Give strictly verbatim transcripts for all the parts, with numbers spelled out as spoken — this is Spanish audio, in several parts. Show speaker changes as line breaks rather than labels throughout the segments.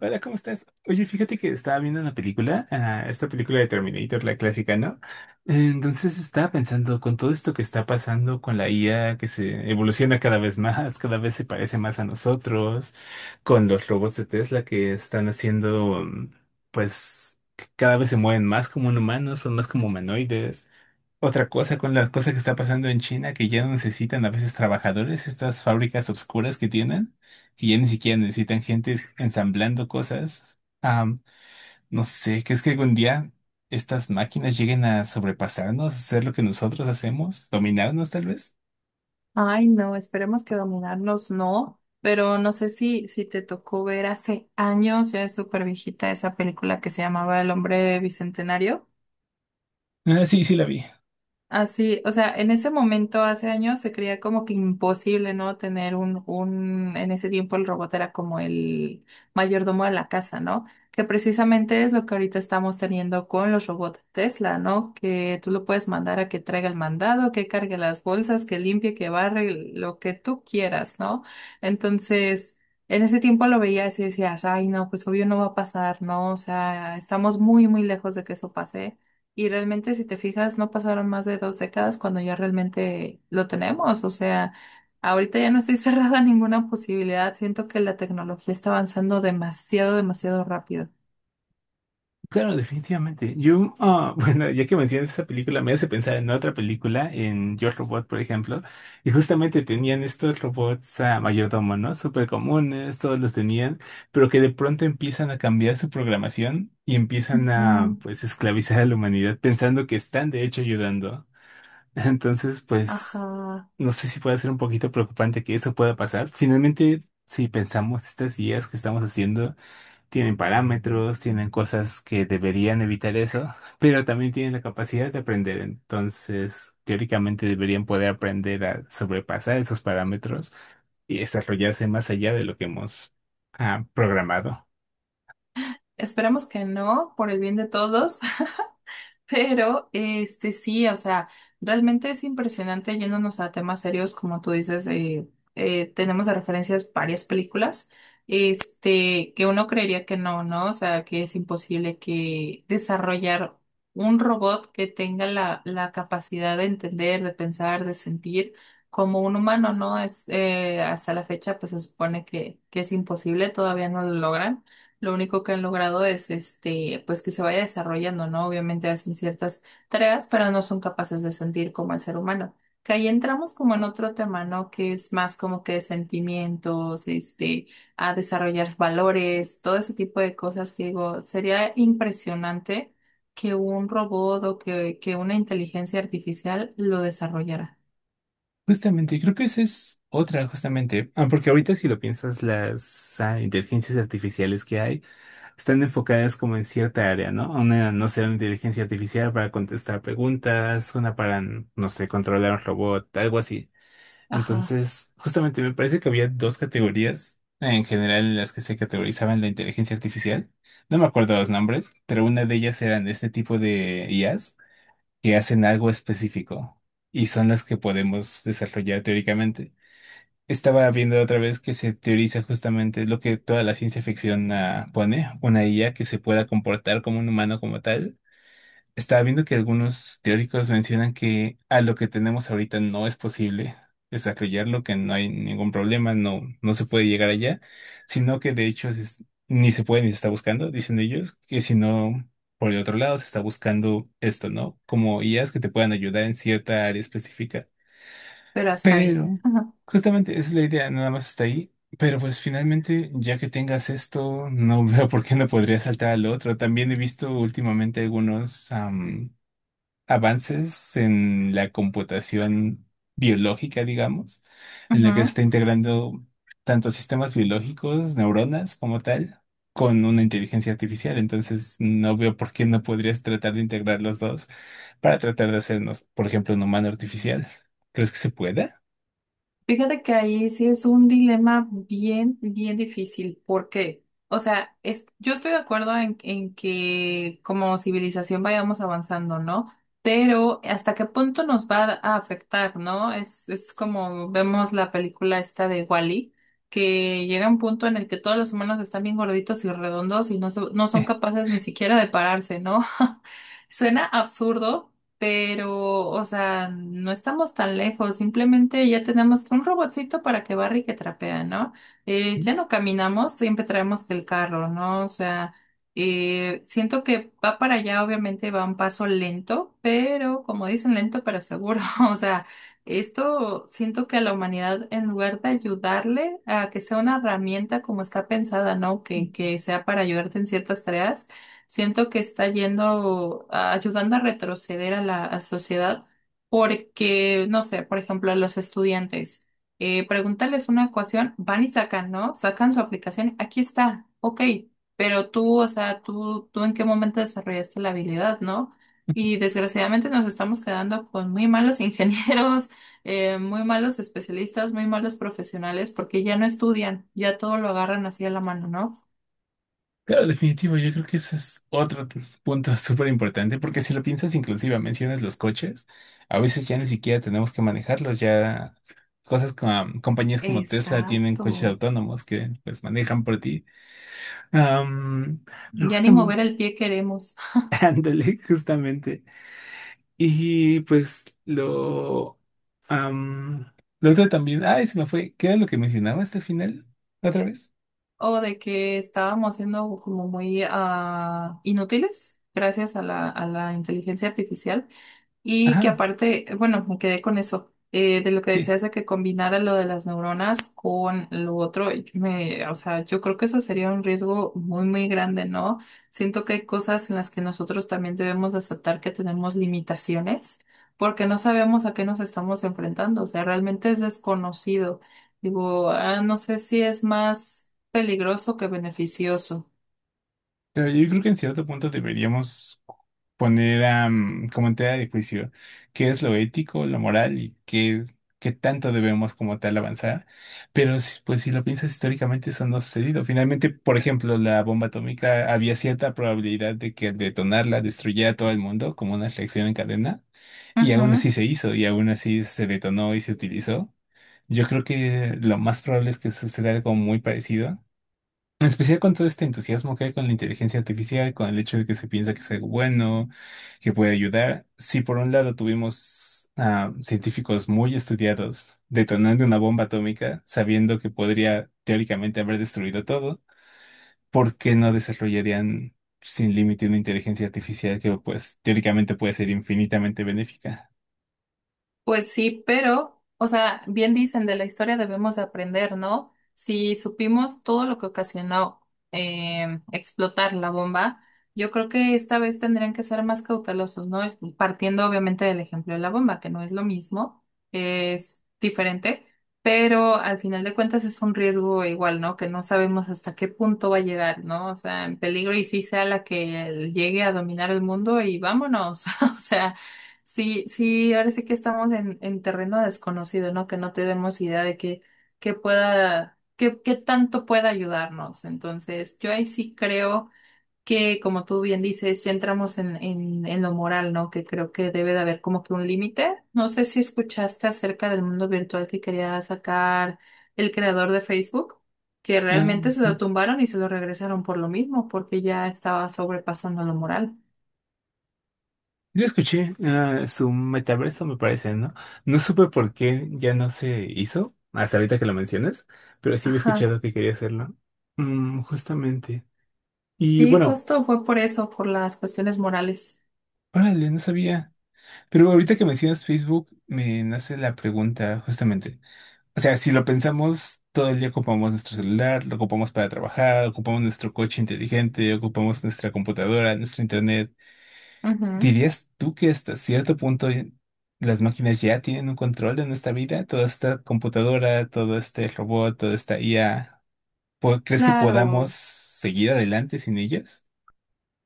Hola, ¿cómo estás? Oye, fíjate que estaba viendo una película, ah, esta película de Terminator, la clásica, ¿no? Entonces estaba pensando, con todo esto que está pasando con la I A, que se evoluciona cada vez más, cada vez se parece más a nosotros, con los robots de Tesla que están haciendo, mm, pues, que cada vez se mueven más como un humano, son más como humanoides. Otra cosa con las cosas que está pasando en China, que ya no necesitan a veces trabajadores, estas fábricas obscuras que tienen, que ya ni siquiera necesitan gente es- ensamblando cosas. Am, no sé, ¿crees que algún día estas máquinas lleguen a sobrepasarnos, hacer lo que nosotros hacemos, dominarnos tal vez?
Ay, no, esperemos que dominarnos no, pero no sé si, si te tocó ver hace años, ya es súper viejita esa película que se llamaba El hombre bicentenario.
Ah, sí, sí la vi.
Así, o sea, en ese momento, hace años, se creía como que imposible, ¿no? Tener un, un, en ese tiempo el robot era como el mayordomo de la casa, ¿no? Que precisamente es lo que ahorita estamos teniendo con los robots Tesla, ¿no? Que tú lo puedes mandar a que traiga el mandado, que cargue las bolsas, que limpie, que barre, lo que tú quieras, ¿no? Entonces, en ese tiempo lo veías y decías, ay, no, pues obvio no va a pasar, ¿no? O sea, estamos muy, muy lejos de que eso pase. Y realmente, si te fijas, no pasaron más de dos décadas cuando ya realmente lo tenemos. O sea, ahorita ya no estoy cerrada a ninguna posibilidad. Siento que la tecnología está avanzando demasiado, demasiado rápido.
Claro, definitivamente. Yo, ah, bueno, ya que mencionas esa película, me hace pensar en otra película, en Yo Robot, por ejemplo, y justamente tenían estos robots a mayordomo, ¿no? Súper comunes, todos los tenían, pero que de pronto empiezan a cambiar su programación y empiezan a,
Ujú.
pues, esclavizar a la humanidad pensando que están, de hecho, ayudando. Entonces, pues,
Ajá.
no sé si puede ser un poquito preocupante que eso pueda pasar. Finalmente, si pensamos estas ideas que estamos haciendo, tienen parámetros, tienen cosas que deberían evitar eso, pero también tienen la capacidad de aprender. Entonces, teóricamente deberían poder aprender a sobrepasar esos parámetros y desarrollarse más allá de lo que hemos ah, programado.
Esperemos que no, por el bien de todos. Pero, este, sí, o sea, realmente es impresionante yéndonos a temas serios, como tú dices, eh, eh, tenemos de referencias varias películas, este, que uno creería que no, ¿no? O sea, que es imposible que desarrollar un robot que tenga la, la capacidad de entender, de pensar, de sentir como un humano, ¿no? Es, eh, hasta la fecha, pues se supone que, que es imposible, todavía no lo logran. Lo único que han logrado es este, pues que se vaya desarrollando, ¿no? Obviamente hacen ciertas tareas, pero no son capaces de sentir como el ser humano. Que ahí entramos como en otro tema, ¿no? Que es más como que sentimientos, este, a desarrollar valores, todo ese tipo de cosas que digo, sería impresionante que un robot o que, que una inteligencia artificial lo desarrollara.
Justamente, creo que esa es otra, justamente. Ah, porque ahorita si lo piensas, las ah, inteligencias artificiales que hay están enfocadas como en cierta área, ¿no? Una, no sé, una inteligencia artificial para contestar preguntas, una para, no sé, controlar un robot, algo así.
Ajá.
Entonces, justamente me parece que había dos categorías en general en las que se categorizaban la inteligencia artificial. No me acuerdo los nombres, pero una de ellas eran este tipo de I As que hacen algo específico y son las que podemos desarrollar teóricamente. Estaba viendo otra vez que se teoriza justamente lo que toda la ciencia ficción ah, pone, una I A que se pueda comportar como un humano como tal. Estaba viendo que algunos teóricos mencionan que a lo que tenemos ahorita no es posible desarrollarlo, que no hay ningún problema, no, no se puede llegar allá, sino que de hecho se- es- ni se puede ni se está buscando, dicen ellos, que si no, por el otro lado se está buscando esto, ¿no? Como I As que te puedan ayudar en cierta área específica.
Pero hasta ahí.
Pero
Ajá.
justamente esa es la idea, nada más está ahí. Pero pues finalmente, ya que tengas esto, no veo por qué no podría saltar al otro. También he visto últimamente algunos avances en la computación biológica, digamos, en la que se
Ujú.
está integrando tanto sistemas biológicos, neuronas como tal, con una inteligencia artificial. Entonces, no veo por qué no podrías tratar de integrar los dos para tratar de hacernos, por ejemplo, un humano artificial. ¿Crees que se pueda?
Fíjate que ahí sí es un dilema bien, bien difícil. ¿Por qué? O sea, es, yo estoy de acuerdo en, en que como civilización vayamos avanzando, ¿no? Pero ¿hasta qué punto nos va a afectar, ¿no? Es, es como vemos la película esta de Wall-E, que llega un punto en el que todos los humanos están bien gorditos y redondos y no, so- no son capaces ni siquiera de pararse, ¿no? Suena absurdo pero, o sea, no estamos tan lejos, simplemente ya tenemos un robotcito para que barre y que trapea, ¿no? Eh, ya no caminamos, siempre traemos el carro, ¿no? O sea, eh, siento que va para allá, obviamente va un paso lento, pero como dicen, lento pero seguro, o sea, esto siento que a la humanidad, en lugar de ayudarle a que sea una herramienta como está pensada, ¿no? Que, que sea para ayudarte en ciertas tareas. Siento que está yendo, a- ayudando a retroceder a la a sociedad porque, no sé, por ejemplo, a los estudiantes, eh, preguntarles una ecuación, van y sacan, ¿no? Sacan su aplicación, aquí está, ok, pero tú, o sea, tú, tú en qué momento desarrollaste la habilidad, ¿no? Y desgraciadamente nos estamos quedando con muy malos ingenieros, eh, muy malos especialistas, muy malos profesionales porque ya no estudian, ya todo lo agarran así a la mano, ¿no?
Claro, definitivo, yo creo que ese es otro t- punto súper importante, porque si lo piensas, inclusive mencionas los coches, a veces ya ni siquiera tenemos que manejarlos, ya cosas como compañías como Tesla tienen coches
Exacto.
autónomos que pues manejan por ti. Am, pero
Ya ni mover
justamente,
el pie queremos.
ándale, justamente. Y pues lo, am, lo otro también, ay, se me fue, ¿qué era lo que mencionabas al final? ¿Otra vez?
O de que estábamos siendo como muy ah, inútiles gracias a la, a la inteligencia artificial. Y que
Ajá,
aparte, bueno, me quedé con eso, eh, de lo que
sí.
decías de que combinara lo de las neuronas con lo otro, y me, o sea, yo creo que eso sería un riesgo muy, muy grande, ¿no? Siento que hay cosas en las que nosotros también debemos de aceptar que tenemos limitaciones, porque no sabemos a qué nos estamos enfrentando, o sea, realmente es desconocido. Digo, ah, no sé si es más peligroso que beneficioso.
Pero yo creo que en cierto punto deberíamos poner am, como en tela de juicio qué es lo ético, lo moral y qué, qué tanto debemos como tal avanzar. Pero si- pues si lo piensas históricamente, eso no ha sucedido. Finalmente, por ejemplo, la bomba atómica había cierta probabilidad de que al detonarla destruyera todo el mundo como una reacción en cadena y aún
Ujú.
así se hizo y aún así se detonó y se utilizó. Yo creo que lo más probable es que suceda algo muy parecido. En especial con todo este entusiasmo que hay con la inteligencia artificial, con el hecho de que se piensa que es algo bueno, que puede ayudar. Si por un lado tuvimos a científicos muy estudiados detonando una bomba atómica, sabiendo que podría teóricamente haber destruido todo, ¿por qué no desarrollarían sin límite una inteligencia artificial que pues teóricamente puede ser infinitamente benéfica?
Pues sí, pero, o sea, bien dicen, de la historia debemos de aprender, ¿no? Si supimos todo lo que ocasionó eh, explotar la bomba, yo creo que esta vez tendrían que ser más cautelosos, ¿no? Es- Partiendo obviamente del ejemplo de la bomba, que no es lo mismo, es diferente, pero al final de cuentas es un riesgo igual, ¿no? Que no sabemos hasta qué punto va a llegar, ¿no? O sea, en peligro y sí sea la que llegue a dominar el mundo y vámonos, o sea. Sí, sí, ahora sí que estamos en, en terreno desconocido, ¿no? Que no tenemos idea de qué, qué pueda, qué, qué tanto pueda ayudarnos. Entonces, yo ahí sí creo que, como tú bien dices, ya entramos en, en, en lo moral, ¿no? Que creo que debe de haber como que un límite. No sé si escuchaste acerca del mundo virtual que quería sacar el creador de Facebook, que
Ah,
realmente se lo tumbaron y se lo regresaron por lo mismo, porque ya estaba sobrepasando lo moral.
yo escuché ah, su metaverso, me parece, ¿no? No supe por qué ya no se hizo, hasta ahorita que lo mencionas, pero sí había
Ajá.
escuchado que quería hacerlo. Mm, justamente. Y
Sí,
bueno,
justo fue por eso, por las cuestiones morales.
órale, no sabía. Pero ahorita que mencionas Facebook, me nace la pregunta, justamente. O sea, si lo pensamos, todo el día ocupamos nuestro celular, lo ocupamos para trabajar, ocupamos nuestro coche inteligente, ocupamos nuestra computadora, nuestro internet.
Ujú.
¿Dirías tú que hasta cierto punto las máquinas ya tienen un control de nuestra vida? Toda esta computadora, todo este robot, toda esta I A, ¿po- ¿crees que podamos
Claro.
seguir adelante sin ellas?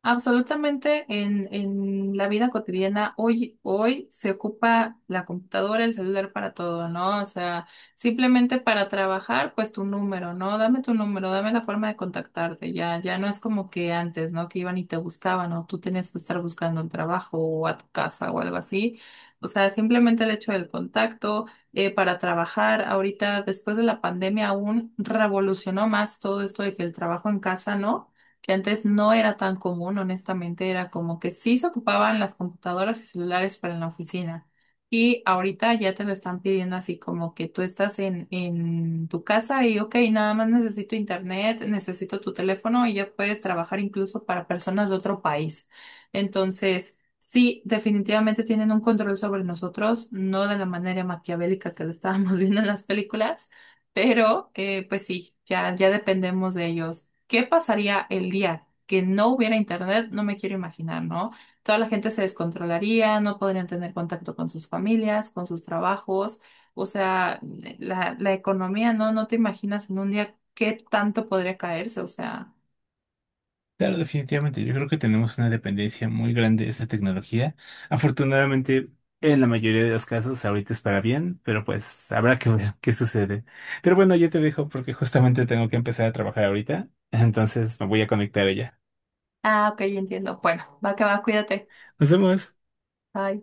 Absolutamente en, en la vida cotidiana, hoy, hoy se ocupa la computadora, el celular para todo, ¿no? O sea, simplemente para trabajar, pues tu número, ¿no? Dame tu número, dame la forma de contactarte, ya, ya no es como que antes, ¿no? Que iban y te buscaban, o tú tenías que estar buscando un trabajo o a tu casa o algo así. O sea, simplemente el hecho del contacto eh, para trabajar ahorita, después de la pandemia, aún revolucionó más todo esto de que el trabajo en casa, ¿no? Que antes no era tan común, honestamente, era como que sí se ocupaban las computadoras y celulares para la oficina. Y ahorita ya te lo están pidiendo así como que tú estás en, en tu casa y, ok, nada más necesito internet, necesito tu teléfono y ya puedes trabajar incluso para personas de otro país. Entonces, sí, definitivamente tienen un control sobre nosotros, no de la manera maquiavélica que lo estábamos viendo en las películas pero, eh, pues sí, ya, ya dependemos de ellos. ¿Qué pasaría el día que no hubiera internet? No me quiero imaginar, ¿no? Toda la gente se descontrolaría, no podrían tener contacto con sus familias, con sus trabajos. O sea, eh, la, la economía, ¿no? No te imaginas en un día qué tanto podría caerse. O sea,
Claro, definitivamente. Yo creo que tenemos una dependencia muy grande de esta tecnología. Afortunadamente, en la mayoría de los casos, ahorita es para bien, pero pues habrá que ver qué sucede. Pero bueno, yo te dejo porque justamente tengo que empezar a trabajar ahorita, entonces me voy a conectar a ella.
ah, ok, entiendo. Bueno, va que va, cuídate.
Nos vemos.
Bye.